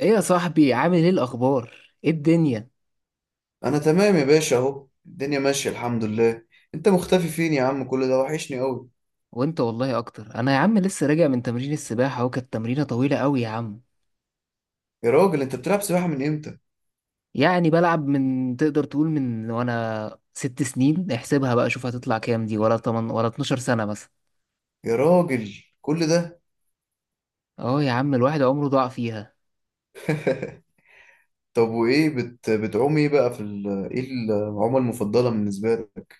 ايه يا صاحبي، عامل ايه؟ الاخبار، ايه الدنيا؟ انا تمام يا باشا، اهو الدنيا ماشيه، الحمد لله. انت مختفي فين يا عم؟ كل ده وحشني قوي. وانت والله اكتر. انا يا عم لسه راجع من تمرين السباحه، اهو كانت تمرينه طويله قوي يا عم. يا راجل، انت بتلعب سباحه من امتى؟ يعني بلعب من تقدر تقول من وانا 6 سنين، احسبها بقى، شوف هتطلع كام، دي ولا تمن ولا 12 سنه مثلا. يا راجل، كل ده! اه يا عم، الواحد عمره ضاع فيها. طب وايه بتعوم ايه بقى ايه العومه المفضله بالنسبه لك؟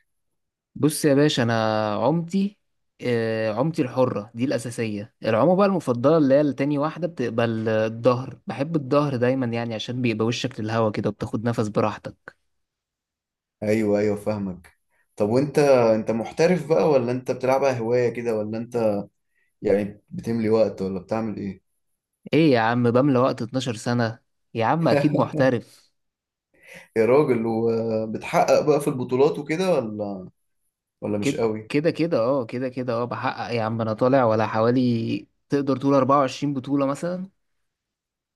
بص يا باشا، انا عمتي، عمتي الحره دي الاساسيه، العومه بقى المفضله اللي هي التاني. واحده بتبقى الظهر، بحب الظهر دايما يعني عشان بيبقى وشك للهوا كده وبتاخد نفس براحتك. ايوه، ايوه، فاهمك. طب، وانت محترف بقى ولا انت بتلعبها هوايه كده؟ ولا انت يعني بتملي وقت ولا بتعمل ايه؟ ايه يا عم، بملى وقت 12 سنة يا عم؟ اكيد محترف. يا راجل، وبتحقق بقى في البطولات وكده ولا مش كده قوي؟ كده كده، اه، كده كده، اه، بحقق يا عم. انا طالع ولا حوالي تقدر تقول 24 بطولة مثلا.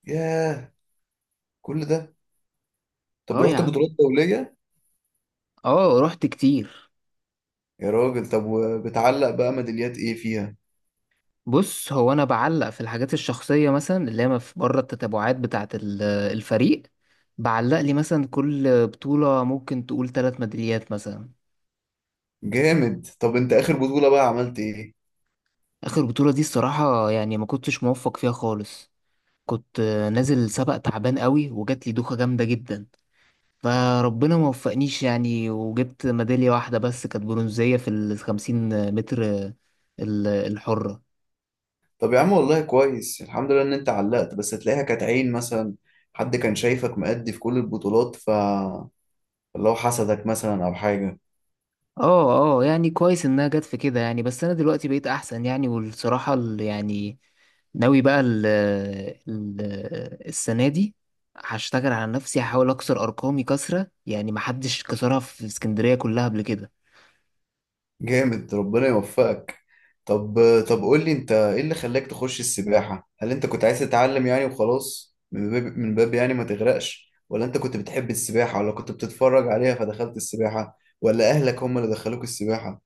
ياه، كل ده! طب، اه يا رحت عم، بطولات دوليه؟ اه رحت كتير. يا راجل، طب وبتعلق بقى ميداليات ايه فيها؟ بص هو انا بعلق في الحاجات الشخصية مثلا، اللي هي بره التتابعات بتاعة الفريق. بعلق لي مثلا كل بطولة ممكن تقول 3 ميداليات مثلا. جامد. طب انت اخر بطولة بقى عملت ايه؟ اخر بطولة دي الصراحة يعني ما كنتش موفق فيها خالص. كنت نازل سباق تعبان قوي، وجات لي دوخة جامدة جدا. فربنا ما وفقنيش يعني، وجبت ميدالية واحدة بس، كانت برونزية في ال50 متر الحرة. طب يا عم، والله كويس، الحمد لله ان انت علقت، بس تلاقيها كانت عين مثلا. حد كان شايفك مأدي في كل البطولات، اللي هو حسدك مثلا او حاجة. اه اه، يعني كويس انها جت في كده يعني، بس انا دلوقتي بقيت احسن يعني، والصراحة يعني ناوي بقى ال السنة دي هشتغل على نفسي، هحاول اكسر ارقامي كسرة يعني، محدش كسرها في اسكندرية كلها قبل كده. جامد، ربنا يوفقك. طب، قول لي، انت ايه اللي خلاك تخش السباحة؟ هل انت كنت عايز تتعلم يعني وخلاص، من باب يعني ما تغرقش؟ ولا انت كنت بتحب السباحة ولا كنت بتتفرج عليها فدخلت السباحة؟ ولا اهلك هم اللي دخلوك السباحة؟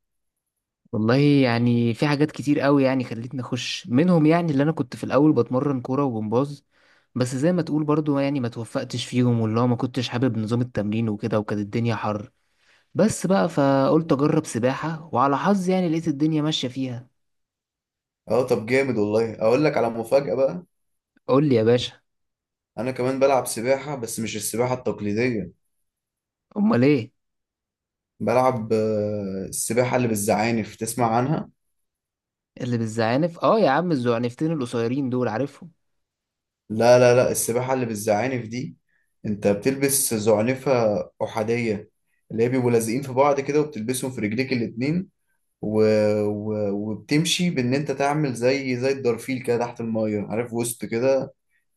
والله يعني في حاجات كتير قوي يعني خلتني اخش منهم يعني، اللي انا كنت في الاول بتمرن كوره وجمباز. بس زي ما تقول برضو يعني ما توفقتش فيهم، واللي هو ما كنتش حابب نظام التمرين وكده، وكانت الدنيا حر. بس بقى فقلت اجرب سباحه، وعلى حظي يعني لقيت الدنيا ماشيه فيها. اه. طب جامد، والله اقول لك على مفاجأة بقى. قول لي يا باشا. انا كمان بلعب سباحة، بس مش السباحة التقليدية. امال ايه؟ بلعب السباحة اللي بالزعانف، تسمع عنها؟ اللي بالزعانف؟ اه يا عم، الزعنفتين القصيرين دول عارفهم. لا لا لا، السباحة اللي بالزعانف دي انت بتلبس زعنفة احادية، اللي هي بيبقوا لازقين في بعض كده وبتلبسهم في رجليك الاتنين. و... وبتمشي بان انت تعمل زي الدرفيل كده تحت المية، عارف؟ وسط كده،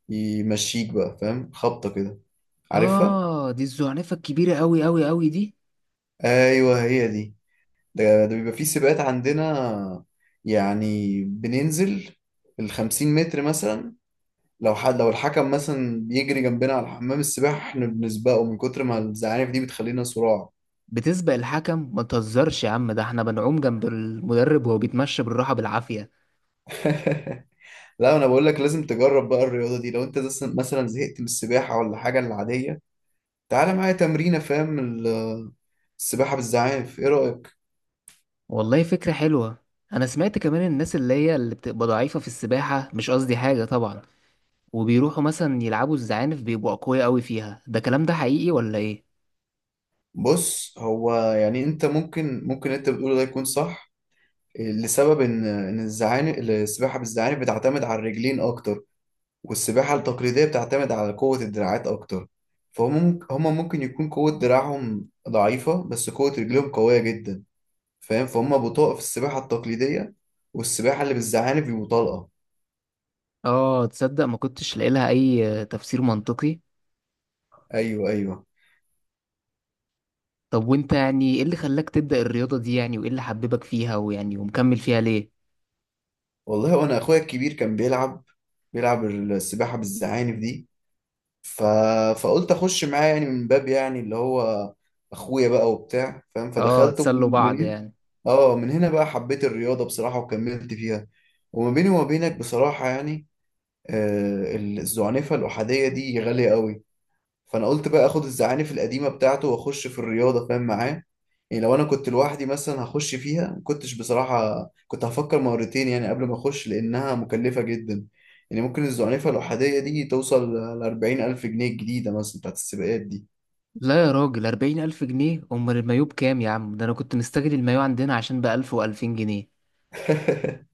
يمشيك بقى، فاهم؟ خبطة كده، عارفها؟ اه دي الزعنفه الكبيره قوي قوي قوي دي. ايوه، هي دي. ده بيبقى فيه سباقات عندنا، يعني بننزل الخمسين متر مثلا. لو الحكم مثلا بيجري جنبنا على حمام السباحة، احنا بنسبقه من كتر ما الزعانف دي بتخلينا صراع. بتسبق الحكم؟ ما تهزرش يا عم، ده احنا بنعوم جنب المدرب وهو بيتمشى بالراحه بالعافيه. لا، انا بقول لك لازم تجرب بقى الرياضة دي. لو انت مثلا زهقت من السباحة ولا حاجة العادية، تعالى معايا تمرينة، فاهم؟ السباحة بالزعانف، ايه رأيك؟ والله فكرة حلوة. أنا سمعت كمان الناس اللي هي اللي بتبقى ضعيفة في السباحة، مش قصدي حاجة طبعا، وبيروحوا مثلا يلعبوا الزعانف بيبقوا أقوياء أوي فيها. ده كلام ده حقيقي ولا إيه؟ بص، هو يعني انت ممكن انت بتقوله ده يكون صح، لسبب ان الزعانف، السباحه بالزعانف بتعتمد على الرجلين اكتر، والسباحه التقليديه بتعتمد على قوه الدراعات اكتر. فهم ممكن هم ممكن يكون قوه دراعهم ضعيفه بس قوه رجلهم قويه جدا. فاهم؟ فهم بطاقه في السباحه التقليديه، والسباحه اللي بالزعانف بيبقوا طلقه. آه تصدق، ما كنتش لاقي لها أي تفسير منطقي. ايوه، ايوه. طب وأنت يعني إيه اللي خلاك تبدأ الرياضة دي يعني، وإيه اللي حببك فيها، ويعني ومكمل فيها ليه؟ والله، وانا اخويا الكبير كان بيلعب السباحه بالزعانف دي. ف... فقلت اخش معاه يعني، من باب يعني اللي هو اخويا بقى وبتاع، فاهم؟ آه فدخلت، تسلوا من بعض هنا. يعني. اه، من هنا بقى حبيت الرياضه بصراحه وكملت فيها. وما بيني وما بينك بصراحه يعني، آه، الزعنفه الاحاديه دي غاليه قوي، فانا قلت بقى اخد الزعانف القديمه بتاعته واخش في الرياضه، فاهم معاه؟ يعني لو انا كنت لوحدي مثلا هخش فيها، ما كنتش بصراحه، كنت هفكر مرتين يعني قبل ما اخش، لانها مكلفه جدا. يعني ممكن الزعنفه الاحاديه دي توصل ل 40,000 جنيه الجديده مثلا، بتاعت السباقات دي. لا يا راجل، 40 ألف جنيه؟ أمال المايوه بكام يا عم؟ ده أنا كنت مستغل المايوه عندنا عشان ب1000 و2000 جنيه.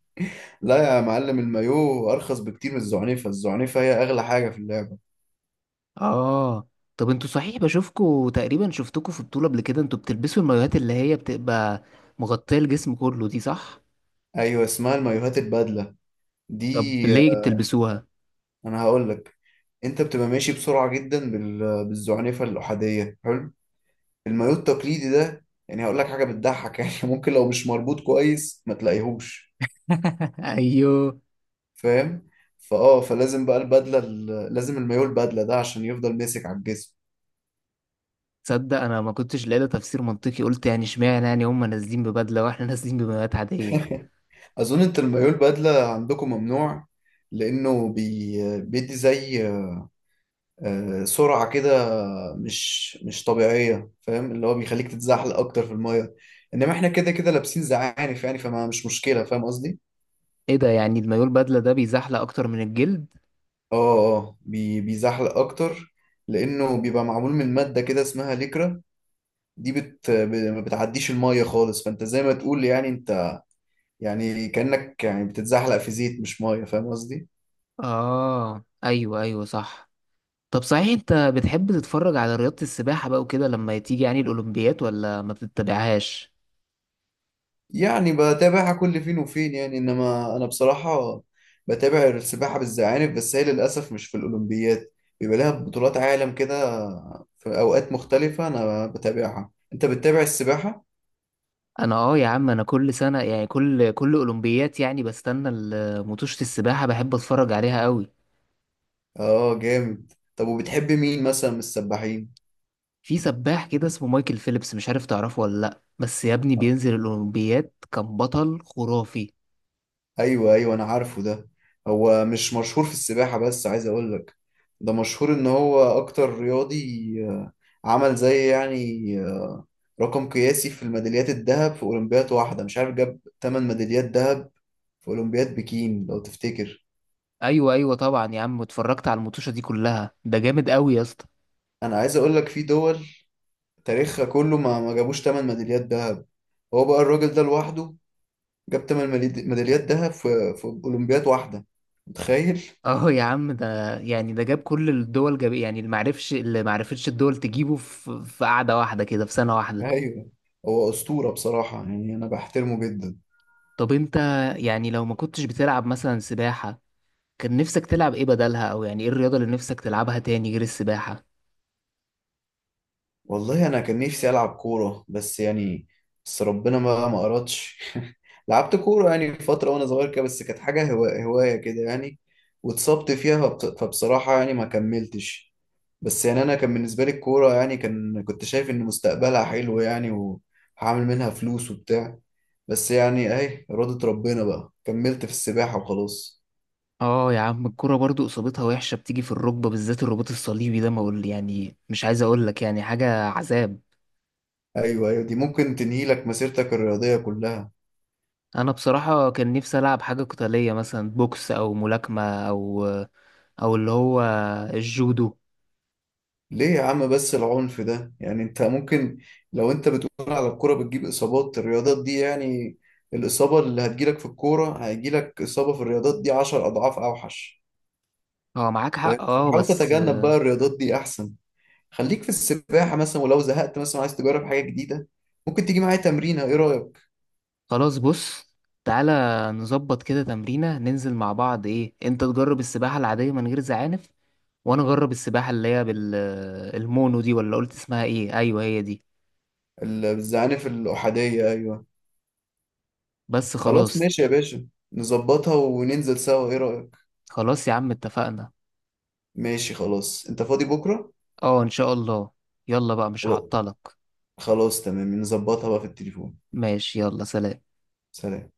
لا يا معلم، المايو ارخص بكتير من الزعنفه، الزعنفه هي اغلى حاجه في اللعبه. اه طب انتوا صحيح، بشوفكوا تقريبا شفتكوا في بطولة قبل كده، انتوا بتلبسوا المايوهات اللي هي بتبقى مغطية الجسم كله دي، صح؟ ايوه، اسمها المايوهات البدله دي. طب ليه بتلبسوها؟ انا هقول لك، انت بتبقى ماشي بسرعه جدا بالزعنفه الاحاديه، حلو؟ المايوه التقليدي ده يعني هقول لك حاجه بتضحك يعني ممكن لو مش مربوط كويس ما تلاقيهوش، ايوه. فاهم؟ فلازم بقى البدله، لازم المايوه البدله ده عشان يفضل ماسك على الجسم. تصدق انا ما كنتش لاقي لها تفسير منطقي، قلت يعني اشمعنى يعني هم نازلين ببدلة واحنا نازلين بمايوهات عادية. اظن انت المايوه البدله عندكم ممنوع، لانه بيدي زي سرعه كده مش طبيعيه، فاهم؟ اللي هو بيخليك تتزحلق اكتر في المايه، انما احنا كده كده لابسين زعانف يعني، فما مش مشكله، فاهم قصدي؟ ايه ده، يعني المايوه البدلة ده بيزحلق اكتر من الجلد؟ اه، اه، بيزحلق اكتر، لانه بيبقى معمول من ماده كده اسمها ليكرا. دي ما بتعديش الميه خالص، فانت زي ما تقول يعني، انت يعني كانك يعني بتتزحلق في زيت، مش ميه، فاهم قصدي؟ اه ايوه ايوه صح. طب صحيح انت بتحب تتفرج على رياضة السباحة بقى وكده لما تيجي يعني الاولمبيات، ولا ما بتتابعهاش؟ يعني بتابعها كل فين وفين يعني، انما انا بصراحه بتابع السباحه بالزعانف، بس هي للاسف مش في الاولمبياد، بيبقى لها بطولات عالم كده في اوقات مختلفه، انا بتابعها. انت بتتابع السباحه؟ انا اه يا عم، انا كل سنه يعني كل اولمبيات يعني بستنى مطوشه السباحه، بحب اتفرج عليها قوي. اه، جامد. طب وبتحب مين مثلا من السباحين؟ في سباح كده اسمه مايكل فيليبس، مش عارف تعرفه ولا لا، بس يا ابني بينزل الاولمبيات كان بطل خرافي. ايوه، ايوه، انا عارفه ده. هو مش مشهور في السباحة، بس عايز اقول لك، ده مشهور ان هو اكتر رياضي عمل زي يعني رقم قياسي في الميداليات الذهب في اولمبياد واحدة. مش عارف، جاب 8 ميداليات ذهب في اولمبياد بكين لو تفتكر. ايوه ايوه طبعا يا عم، اتفرجت على المطوشه دي كلها، ده جامد قوي يا اسطى. انا عايز اقول لك، في دول تاريخها كله ما جابوش 8 ميداليات ذهب، هو بقى الراجل ده لوحده جاب 8 ميداليات ذهب في اولمبياد واحدة، متخيل؟ اه يا عم، ده يعني ده جاب كل الدول، جاب يعني اللي معرفش اللي معرفتش الدول تجيبه في قعده واحده كده في سنه واحده. ايوه، هو اسطوره بصراحه، يعني انا بحترمه جدا. طب انت يعني لو ما كنتش بتلعب مثلا سباحه، كان نفسك تلعب ايه بدلها؟ او يعني ايه الرياضة اللي نفسك تلعبها تاني غير السباحة؟ والله، انا كان نفسي العب كوره، بس يعني بس ربنا ما اردش. لعبت كوره يعني فتره وانا صغير كده، بس كانت حاجه هوايه كده يعني، واتصبت فيها، فبصراحه يعني ما كملتش. بس يعني، انا كان بالنسبه لي الكوره يعني كان، كنت شايف ان مستقبلها حلو يعني، وهعمل منها فلوس وبتاع، بس يعني اهي إرادة ربنا بقى، كملت في السباحة وخلاص. اه يا عم، الكرة برضو اصابتها وحشة، بتيجي في الركبة بالذات الرباط الصليبي ده، ما اقول يعني مش عايز اقول لك يعني حاجة عذاب. ايوه، ايوه، دي ممكن تنهي لك مسيرتك الرياضية كلها. انا بصراحة كان نفسي العب حاجة قتالية مثلا، بوكس او ملاكمة، او او اللي هو الجودو. ليه يا عم بس العنف ده يعني؟ انت ممكن، لو انت بتقول على الكرة بتجيب اصابات، الرياضات دي يعني الاصابة اللي هتجيلك في الكورة هيجيلك اصابة في الرياضات دي عشر اضعاف اوحش. اه معاك فاهم؟ حق، اه فحاول بس تتجنب بقى الرياضات دي، احسن خليك في السباحة مثلا. ولو زهقت مثلا عايز تجرب حاجة جديدة، ممكن تيجي معايا تمرينة، ايه رأيك؟ خلاص. بص تعالى نظبط كده تمرينة ننزل مع بعض، ايه، انت تجرب السباحة العادية من غير زعانف، وانا اجرب السباحه اللي هي بالمونو دي، ولا قلت اسمها ايه؟ ايوه هي دي. الزعانف الأحادية، ايوه، بس خلاص، خلاص. ماشي يا باشا. نظبطها وننزل سوا، ايه رأيك؟ خلاص يا عم اتفقنا. ماشي، خلاص. انت فاضي بكرة؟ اه ان شاء الله. يلا بقى مش خلاص، هعطلك. خلاص، تمام. نظبطها بقى في التليفون. ماشي يلا سلام. سلام.